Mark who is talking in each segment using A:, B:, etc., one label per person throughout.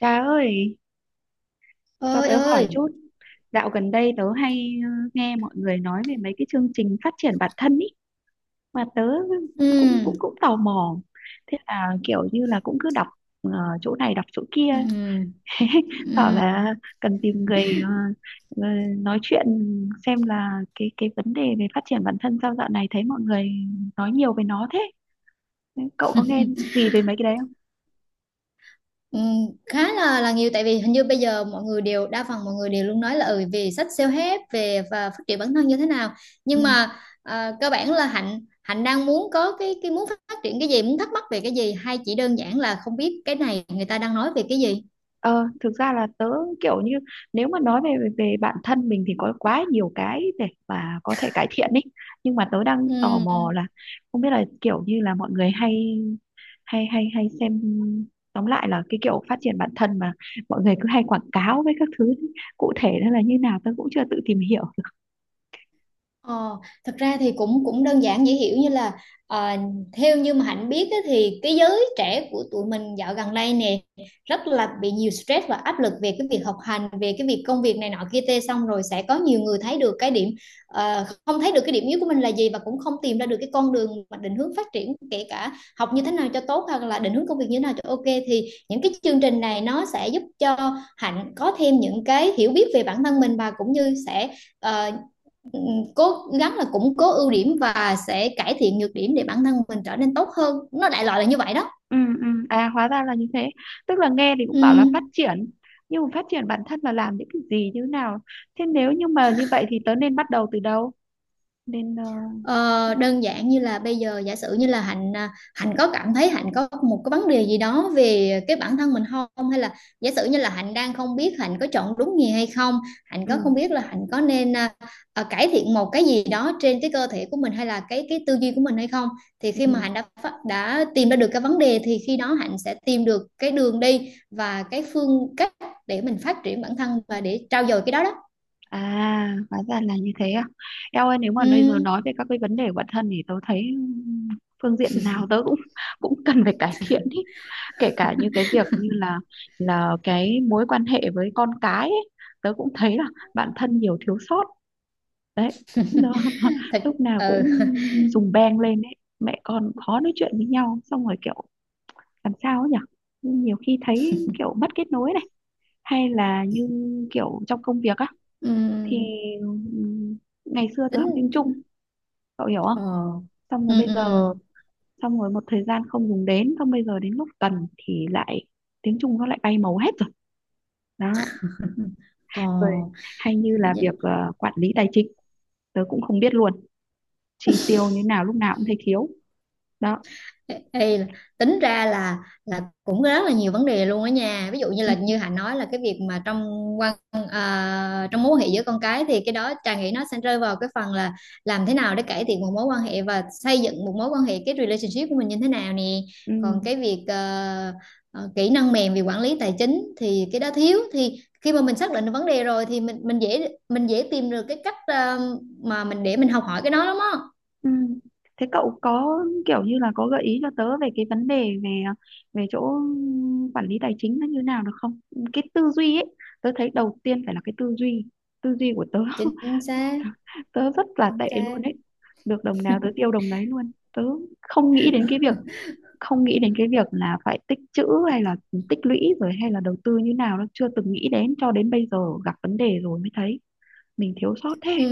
A: Trà ơi, cho
B: Ơi
A: tớ hỏi
B: ơi.
A: chút. Dạo gần đây tớ hay nghe mọi người nói về mấy cái chương trình phát triển bản thân ý mà tớ
B: ừ,
A: cũng cũng cũng tò mò. Thế là kiểu như là cũng cứ đọc ờ, chỗ này đọc chỗ kia,
B: ừ,
A: thế bảo
B: ừ,
A: là cần tìm người ờ, nói chuyện xem là cái vấn đề về phát triển bản thân sao dạo này thấy mọi người nói nhiều về nó thế. Cậu có nghe gì về mấy cái đấy không?
B: ừ, khá là nhiều tại vì hình như bây giờ mọi người đều đa phần mọi người đều luôn nói là về sách self-help về và phát triển bản thân như thế nào
A: Ừ.
B: nhưng mà cơ bản là Hạnh Hạnh đang muốn có cái muốn phát triển cái gì, muốn thắc mắc về cái gì, hay chỉ đơn giản là không biết cái này người ta đang nói về cái gì.
A: Ờ, thực ra là tớ kiểu như nếu mà nói về về bản thân mình thì có quá nhiều cái để mà có thể cải thiện ý, nhưng mà tớ đang tò
B: ừ,
A: mò là không biết là kiểu như là mọi người hay hay hay hay xem, tóm lại là cái kiểu phát triển bản thân mà mọi người cứ hay quảng cáo với các thứ cụ thể nó là như nào tớ cũng chưa tự tìm hiểu.
B: Ờ, thật ra thì cũng cũng đơn giản dễ hiểu, như là ờ, theo như mà Hạnh biết á, thì cái giới trẻ của tụi mình dạo gần đây nè rất là bị nhiều stress và áp lực về cái việc học hành, về cái việc công việc này nọ kia tê, xong rồi sẽ có nhiều người thấy được cái điểm không thấy được cái điểm yếu của mình là gì, và cũng không tìm ra được cái con đường mà định hướng phát triển, kể cả học như thế nào cho tốt hoặc là định hướng công việc như thế nào cho ok. Thì những cái chương trình này nó sẽ giúp cho Hạnh có thêm những cái hiểu biết về bản thân mình và cũng như sẽ ờ, ừ, cố gắng là củng cố ưu điểm và sẽ cải thiện nhược điểm để bản thân mình trở nên tốt hơn. Nó đại loại là như vậy đó.
A: Ừ. À, hóa ra là như thế, tức là nghe thì cũng bảo là
B: ừ.
A: phát triển nhưng mà phát triển bản thân là làm những cái gì, như thế nào? Thế nếu như mà như vậy thì tớ nên bắt đầu từ đâu, nên
B: Ờ, đơn giản như là bây giờ giả sử như là Hạnh Hạnh có cảm thấy Hạnh có một cái vấn đề gì đó về cái bản thân mình không, hay là giả sử như là Hạnh đang không biết Hạnh có chọn đúng nghề hay không, Hạnh có không
A: ừ
B: biết là Hạnh có nên cải thiện một cái gì đó trên cái cơ thể của mình hay là cái tư duy của mình hay không. Thì khi mà Hạnh
A: ừ
B: đã tìm ra được cái vấn đề thì khi đó Hạnh sẽ tìm được cái đường đi và cái phương cách để mình phát triển bản thân và để trau dồi cái đó đó.
A: à hóa ra là như thế à. Eo ơi, nếu mà bây giờ
B: Ừm,
A: nói về các cái vấn đề của bản thân thì tôi thấy phương diện nào tớ cũng cũng cần phải cải thiện ý, kể cả như cái việc như là cái mối quan hệ với con cái ấy, tớ cũng thấy là bản thân nhiều thiếu sót đấy, nó
B: thật.
A: lúc nào
B: ừ.
A: cũng dùng beng lên ấy, mẹ con khó nói chuyện với nhau, xong rồi kiểu làm sao ấy nhỉ, nhiều khi thấy kiểu mất kết nối này, hay là như kiểu trong công việc á thì
B: Ừm,
A: ngày xưa tớ học tiếng
B: tính.
A: Trung, cậu hiểu không,
B: Ờ.
A: xong
B: Ừ,
A: rồi bây giờ
B: ừ.
A: xong rồi một thời gian không dùng đến, xong bây giờ đến lúc cần thì lại tiếng Trung nó lại bay màu hết rồi đó.
B: Ừ. Ờ.
A: Rồi hay như là việc quản lý tài chính, tớ cũng không biết luôn, chi tiêu như nào lúc nào cũng thấy thiếu đó.
B: Ê, ê, là- tính ra là cũng rất là nhiều vấn đề luôn đó nha. Ví dụ như
A: ừ,
B: là như Hạnh nói là cái việc mà trong quan trong mối quan hệ giữa con cái, thì cái đó Trà nghĩ nó sẽ rơi vào cái phần là làm thế nào để cải thiện một mối quan hệ và xây dựng một mối quan hệ, cái relationship của mình như thế nào nè.
A: ừ,
B: Còn cái việc kỹ năng mềm về quản lý tài chính thì cái đó thiếu, thì khi mà mình xác định được vấn đề rồi thì mình dễ mình dễ tìm được cái cách mà mình để mình học hỏi cái đó lắm á.
A: ừ. Thế cậu có kiểu như là có gợi ý cho tớ về cái vấn đề về về chỗ quản lý tài chính nó như nào được không? Cái tư duy ấy, tớ thấy đầu tiên phải là cái tư duy, tư duy của tớ
B: Chính xác.
A: tớ rất là
B: Chính
A: tệ
B: xác.
A: luôn đấy, được đồng nào tớ tiêu đồng đấy luôn, tớ không nghĩ đến cái việc không nghĩ đến cái việc là phải tích trữ hay là tích lũy rồi hay là đầu tư như nào, nó chưa từng nghĩ đến cho đến bây giờ gặp vấn đề rồi mới thấy mình thiếu sót thế.
B: Ừ.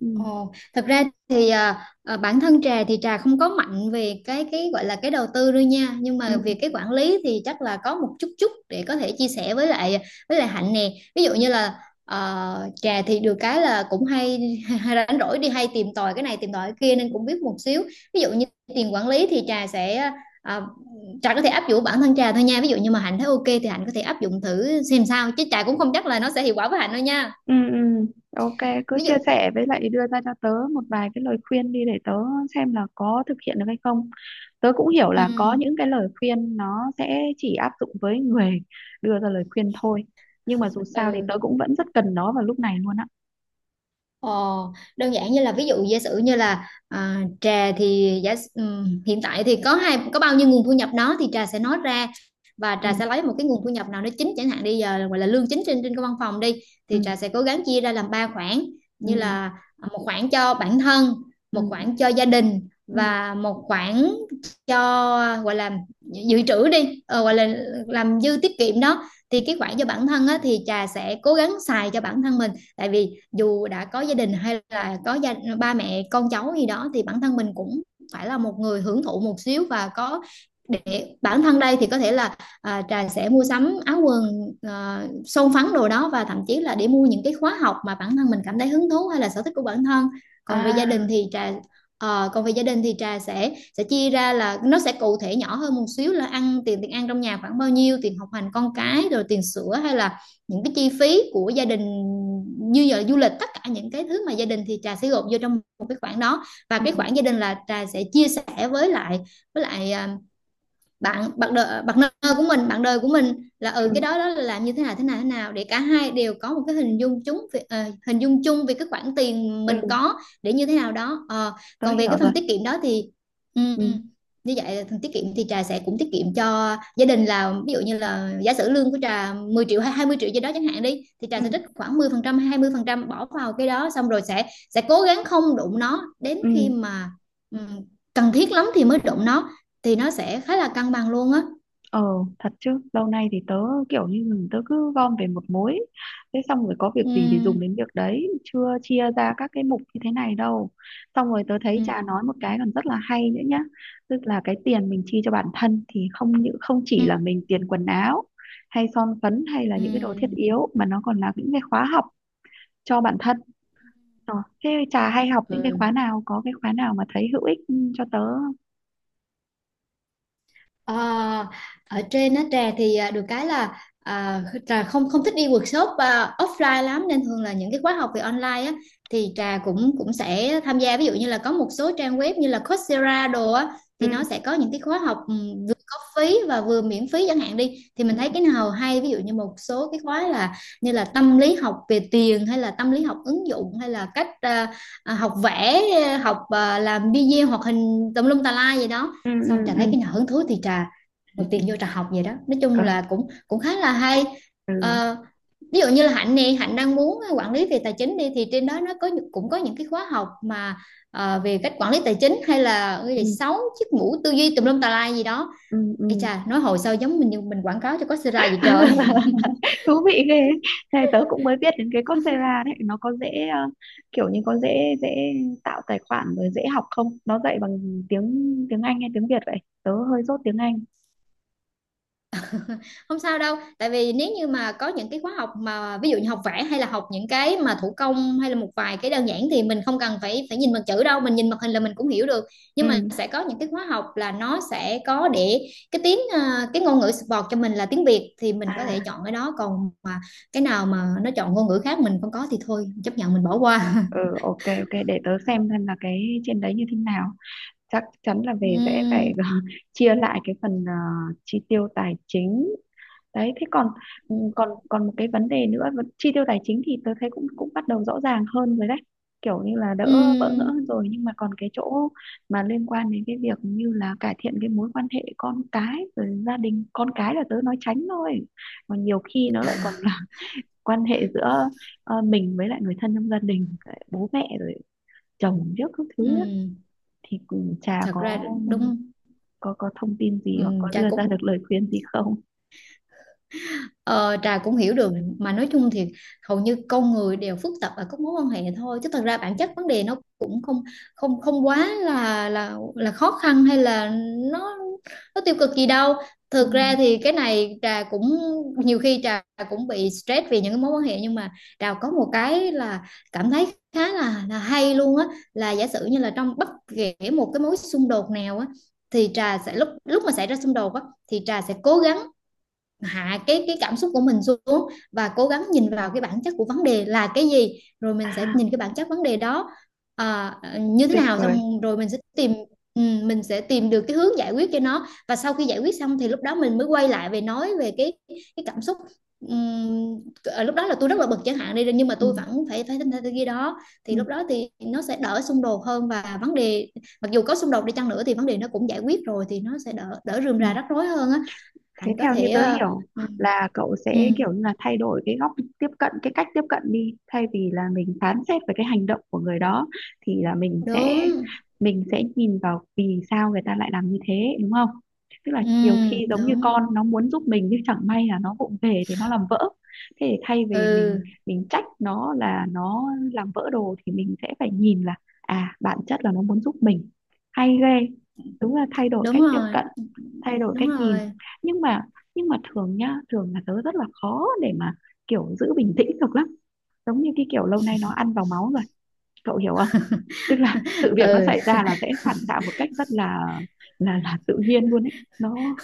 A: Ừ.
B: Ồ, thật ra thì bản thân Trà thì Trà không có mạnh về cái gọi là cái đầu tư đâu nha, nhưng mà về cái quản lý thì chắc là có một chút chút để có thể chia sẻ với lại Hạnh nè. Ví dụ
A: Ừ.
B: như là Trà thì được cái là cũng hay, hay rảnh rỗi đi hay tìm tòi cái này tìm tòi cái kia nên cũng biết một xíu. Ví dụ như tiền quản lý thì Trà sẽ à, Trà có thể áp dụng bản thân Trà thôi nha, ví dụ như mà Hạnh thấy ok thì Hạnh có thể áp dụng thử xem sao, chứ Trà cũng không chắc là nó sẽ hiệu quả với Hạnh đâu nha.
A: Ừ, ừ, ok, cứ
B: Ví dụ.
A: chia sẻ với lại đưa ra cho tớ một vài cái lời khuyên đi để tớ xem là có thực hiện được hay không. Tớ cũng hiểu
B: Ừ,
A: là có những cái lời khuyên nó sẽ chỉ áp dụng với người đưa ra lời khuyên thôi. Nhưng mà dù sao thì tớ
B: ừ.
A: cũng vẫn rất cần nó vào lúc này luôn á.
B: Ờ, đơn giản như là ví dụ giả sử như là Trà thì hiện tại thì có bao nhiêu nguồn thu nhập đó thì Trà sẽ nói ra, và
A: Ừ,
B: Trà sẽ lấy một cái nguồn thu nhập nào đó chính chẳng hạn đi, giờ là gọi là lương chính trên trên cái văn phòng đi, thì
A: ừ,
B: Trà sẽ cố gắng chia ra làm ba khoản,
A: ừ,
B: như là một khoản cho bản thân,
A: ừ,
B: một khoản cho gia đình,
A: ừ,
B: và một khoản cho gọi là dự trữ đi, gọi
A: ừ.
B: là làm dư tiết kiệm đó. Thì cái khoản cho bản thân á, thì Trà sẽ cố gắng xài cho bản thân mình, tại vì dù đã có gia đình hay là có ba mẹ con cháu gì đó thì bản thân mình cũng phải là một người hưởng thụ một xíu, và có để bản thân đây thì có thể là Trà sẽ mua sắm áo quần, son phấn đồ đó, và thậm chí là để mua những cái khóa học mà bản thân mình cảm thấy hứng thú hay là sở thích của bản thân. Còn về
A: À,
B: gia đình thì trà Còn về gia đình thì Trà sẽ chia ra, là nó sẽ cụ thể nhỏ hơn một xíu là tiền tiền ăn trong nhà khoảng bao nhiêu, tiền học hành con cái, rồi tiền sữa, hay là những cái chi phí của gia đình như giờ du lịch, tất cả những cái thứ mà gia đình thì Trà sẽ gộp vô trong một cái khoản đó. Và
A: ừ,
B: cái khoản gia đình là Trà sẽ chia sẻ với lại với lại à, bạn bạn đời, bạn nơ của mình, bạn đời của mình là ở
A: ừ,
B: cái đó đó là làm như thế nào, thế nào để cả hai đều có một cái hình dung chung về, hình dung chung về cái khoản tiền
A: ừ,
B: mình có để như thế nào đó. Ờ,
A: tớ
B: còn về
A: hiểu
B: cái
A: rồi.
B: phần tiết kiệm đó thì ừm,
A: Ừ,
B: như vậy phần tiết kiệm thì Trà sẽ cũng tiết kiệm cho gia đình, là ví dụ như là giả sử lương của Trà 10 triệu hay 20 triệu gì đó chẳng hạn đi, thì
A: ừ,
B: Trà sẽ trích khoảng 10% hay 20% bỏ vào cái đó, xong rồi sẽ cố gắng không đụng nó đến khi
A: ừ.
B: mà ừm, cần thiết lắm thì mới đụng nó, thì nó sẽ khá là cân bằng luôn á.
A: Ờ, thật chứ lâu nay thì tớ kiểu như tớ cứ gom về một mối, thế xong rồi có việc
B: Ừ.
A: gì thì dùng đến việc đấy, chưa chia ra các cái mục như thế này đâu. Xong rồi tớ thấy
B: Ừ.
A: Trà nói một cái còn rất là hay nữa nhá, tức là cái tiền mình chi cho bản thân thì không những không
B: Ừ.
A: chỉ là mình tiền quần áo hay son phấn hay là
B: Ừ.
A: những cái đồ thiết yếu mà nó còn là những cái khóa học cho bản thân. Ờ, thế Trà hay học những cái
B: Ừ.
A: khóa nào, có cái khóa nào mà thấy hữu ích cho tớ không?
B: Ờ, ở trên á Trà thì được cái là Trà không không thích đi workshop offline lắm, nên thường là những cái khóa học về online á thì Trà cũng cũng sẽ tham gia, ví dụ như là có một số trang web như là Coursera đồ á, thì nó sẽ
A: Ừ.
B: có những cái khóa học vừa có phí và vừa miễn phí chẳng hạn đi, thì
A: Ừ.
B: mình thấy cái nào hay, ví dụ như một số cái khóa là như là tâm lý học về tiền, hay là tâm lý học ứng dụng, hay là cách học vẽ, học làm video hoạt hình tùm lum tà lai gì đó.
A: Ừ.
B: Xong Trà thấy
A: Ừ.
B: cái nào hứng thú thì một
A: Ừ.
B: tiền vô Trà học vậy đó, nói chung
A: ừ,
B: là cũng cũng khá là hay.
A: ừ.
B: Ờ, ví dụ như là Hạnh nè, Hạnh đang muốn quản lý về tài chính đi thì trên đó nó có cũng có những cái khóa học mà về cách quản lý tài chính, hay là cái
A: ừ.
B: gì sáu chiếc mũ tư duy tùm lum tà lai gì đó. Ê
A: Ừm.
B: chà, nói hồi sao giống mình như mình quảng cáo cho Coursera vậy trời.
A: Thú vị ghê ấy. Này tớ cũng mới biết đến cái Coursera đấy, nó có dễ kiểu như có dễ dễ tạo tài khoản rồi dễ học không? Nó dạy bằng tiếng tiếng Anh hay tiếng Việt vậy? Tớ hơi dốt tiếng Anh.
B: Không sao đâu, tại vì nếu như mà có những cái khóa học mà ví dụ như học vẽ, hay là học những cái mà thủ công, hay là một vài cái đơn giản thì mình không cần phải phải nhìn bằng chữ đâu, mình nhìn màn hình là mình cũng hiểu được. Nhưng mà
A: Ừ.
B: sẽ có những cái khóa học là nó sẽ có để cái tiếng cái ngôn ngữ support cho mình là tiếng Việt thì mình có
A: À,
B: thể chọn cái đó, còn mà cái nào mà nó chọn ngôn ngữ khác mình không có thì thôi chấp nhận mình bỏ qua.
A: ừ, ok ok, để tớ xem là cái trên đấy như thế nào. Chắc chắn là về sẽ phải
B: Ừm.
A: chia lại cái phần chi tiêu tài chính đấy. Thế còn còn còn một cái vấn đề nữa, vấn- chi tiêu tài chính thì tôi thấy cũng cũng bắt đầu rõ ràng hơn rồi đấy, kiểu như là đỡ bỡ ngỡ hơn
B: Ừm.
A: rồi, nhưng mà còn cái chỗ mà liên quan đến cái việc như là cải thiện cái mối quan hệ con cái rồi gia đình, con cái là tớ nói tránh thôi, còn nhiều khi nó lại còn là quan hệ giữa mình với lại người thân trong gia đình, bố mẹ rồi chồng trước các thứ á.
B: Ừm.
A: Thì cũng chả
B: Thật ra.
A: có
B: Đúng.
A: có thông tin gì hoặc có đưa ra
B: Cũng.
A: được lời khuyên gì không?
B: Ờ, Trà cũng hiểu được, mà nói chung thì hầu như con người đều phức tạp ở các mối quan hệ thôi, chứ thật ra bản chất vấn đề nó cũng không, không quá là là khó khăn hay là nó nó tiêu cực gì đâu.
A: Ừ.
B: Thực ra thì cái này Trà cũng nhiều khi Trà cũng bị stress vì những cái mối quan hệ, nhưng mà Trà có một cái là cảm thấy khá là hay luôn á, là giả sử như là trong bất kể một cái mối xung đột nào á thì Trà sẽ lúc lúc mà xảy ra xung đột á thì Trà sẽ cố gắng hạ Cái cảm xúc của mình xuống, và cố gắng nhìn vào cái bản chất của vấn đề là cái gì, rồi
A: À,
B: mình sẽ nhìn cái bản chất vấn đề đó à, như thế
A: tuyệt
B: nào,
A: vời.
B: xong rồi mình sẽ tìm, ừ, mình sẽ tìm được cái hướng giải quyết cho nó. Và sau khi giải quyết xong thì lúc đó mình mới quay lại về nói về cái cảm xúc. Ừm, lúc đó là tôi rất là bực chẳng hạn đi, nhưng mà tôi
A: Ừ.
B: vẫn phải phải thế kia đó,
A: Ừ,
B: thì lúc đó thì nó sẽ đỡ xung đột hơn. Và vấn đề, mặc dù có xung đột đi chăng nữa, thì vấn đề nó cũng giải quyết rồi, thì nó sẽ đỡ đỡ rườm
A: ừ.
B: rà rắc rối hơn á.
A: Thế
B: Hạnh có
A: theo như
B: thể
A: tớ hiểu
B: ừ,
A: là cậu
B: ừ,
A: sẽ kiểu như là thay đổi cái góc tiếp cận, cái cách tiếp cận, đi thay vì là mình phán xét về cái hành động của người đó thì là
B: đúng,
A: mình sẽ nhìn vào vì sao người ta lại làm như thế, đúng không? Tức là nhiều khi
B: ừ,
A: giống như
B: đúng,
A: con nó muốn giúp mình nhưng chẳng may là nó vụng về thì nó làm vỡ, thế thì thay vì mình
B: ừ,
A: trách nó là nó làm vỡ đồ thì mình sẽ phải nhìn là à, bản chất là nó muốn giúp mình. Hay ghê, đúng là thay đổi
B: đúng
A: cách tiếp
B: rồi,
A: cận, thay đổi
B: đúng
A: cách nhìn.
B: rồi,
A: nhưng mà nhưng mà thường nhá, thường là tớ rất là khó để mà kiểu giữ bình tĩnh được lắm, giống như cái kiểu lâu nay nó ăn vào máu rồi, cậu hiểu không, tức là sự việc nó
B: ừ,
A: xảy ra là sẽ phản xạ một cách rất là tự nhiên luôn ấy, nó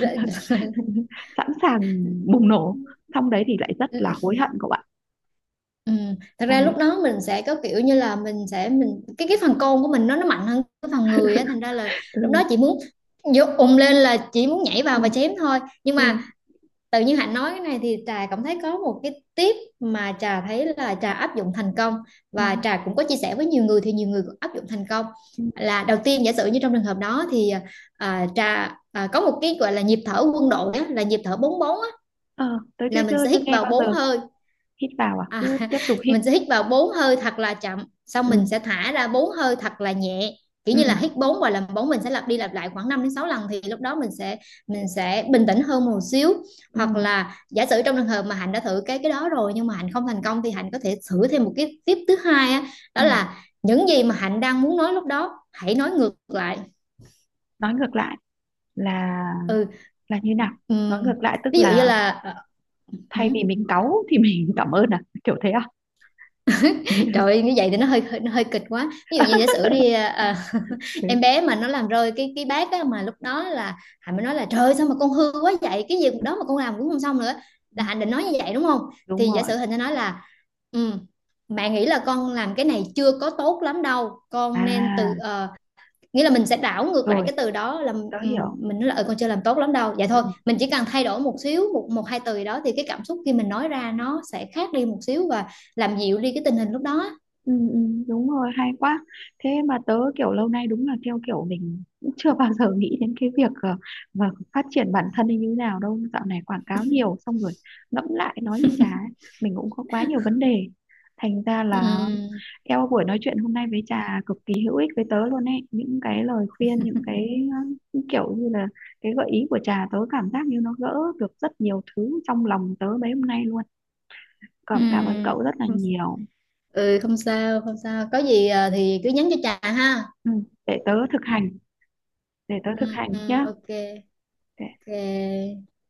B: Rồi-
A: sẵn sàng bùng nổ, xong đấy thì lại rất là hối hận cậu ạ,
B: ừ. Thật
A: sau
B: ra lúc
A: đấy
B: đó mình sẽ có kiểu như là mình cái phần côn của mình nó mạnh hơn cái phần người á, thành ra là lúc đó
A: ừ.
B: chị muốn vô ùm lên, là chỉ muốn nhảy
A: Ừ.
B: vào và chém thôi. Nhưng
A: Ừ.
B: mà tự nhiên Hạnh nói cái này thì Trà cảm thấy có một cái tip mà Trà thấy là Trà áp dụng thành công,
A: Ừ.
B: và Trà cũng có chia sẻ với nhiều người thì nhiều người cũng áp dụng thành công.
A: Ừ.
B: Là đầu tiên, giả sử như trong trường hợp đó thì, à, Trà à, có một cái gọi là nhịp thở quân đội á, là nhịp thở 4-4 á,
A: Ờ, tớ chưa
B: là mình
A: chưa
B: sẽ
A: chưa
B: hít
A: nghe
B: vào
A: bao
B: bốn
A: giờ.
B: hơi
A: Hít vào à, cứ
B: À,
A: tiếp tục hít?
B: mình sẽ hít vào bốn hơi thật là chậm, xong
A: Ừ.
B: mình sẽ thả ra 4 hơi thật là nhẹ, kiểu
A: Ừ.
B: như
A: Ừ.
B: là hít bốn và làm bốn. Mình sẽ lặp đi lặp lại khoảng 5 đến 6 lần, thì lúc đó mình sẽ bình tĩnh hơn một xíu.
A: Ừ.
B: Hoặc là giả sử trong trường hợp mà Hạnh đã thử cái đó rồi nhưng mà Hạnh không thành công, thì Hạnh có thể thử thêm một cái tiếp thứ hai á.
A: Ừ.
B: Đó là những gì mà Hạnh đang muốn nói, lúc đó hãy nói ngược lại.
A: Nói ngược lại là
B: Ừ,
A: như nào? Nói
B: ừm,
A: ngược lại tức
B: ví dụ như
A: là
B: là, ừ,
A: thay vì mình cáu thì mình cảm ơn à, kiểu thế à?
B: trời ơi, như vậy thì nó hơi hơi- nó hơi kịch quá. Ví dụ như giả sử đi, em bé mà nó làm rơi cái bát á, mà lúc đó là Hạnh mới nói là: trời ơi, sao mà con hư quá vậy, cái việc đó mà con làm cũng không xong nữa. Là Hạnh định nói như vậy đúng không? Thì
A: Đúng
B: giả
A: rồi.
B: sử Hạnh sẽ nói là, ừ, mẹ nghĩ là con làm cái này chưa có tốt lắm đâu, con nên
A: À
B: từ, nghĩa là mình sẽ đảo ngược lại
A: rồi,
B: cái từ đó, là,
A: tớ
B: ừ,
A: hiểu.
B: mình nói là, ừ, con chưa làm tốt lắm đâu. Vậy
A: Ừ.
B: thôi, mình chỉ cần thay đổi một xíu, một một hai từ gì đó, thì cái cảm xúc khi mình nói ra nó sẽ khác đi một xíu và làm dịu đi cái tình hình lúc đó.
A: Ừ, ừ, đúng rồi, hay quá. Thế mà tớ kiểu lâu nay đúng là theo kiểu mình cũng chưa bao giờ nghĩ đến cái việc mà phát triển bản thân như thế nào đâu, dạo này quảng cáo nhiều xong rồi ngẫm lại nói như chả ấy, mình cũng có quá nhiều vấn đề thành ra là
B: Ừ,
A: eo, buổi nói chuyện hôm nay với Trà cực kỳ hữu ích với tớ luôn ấy, những cái lời khuyên, những cái kiểu như là cái gợi ý của Trà, tớ cảm giác như nó gỡ được rất nhiều thứ trong lòng tớ mấy hôm nay luôn,
B: ừ,
A: cảm cảm ơn cậu rất là
B: không-
A: nhiều.
B: ừ, không sao, không sao, có gì à, thì cứ nhắn cho Trà ha.
A: Ừ, để tớ thực hành, để tớ thực
B: Ừ,
A: hành
B: ừ,
A: nhé.
B: ok, ok.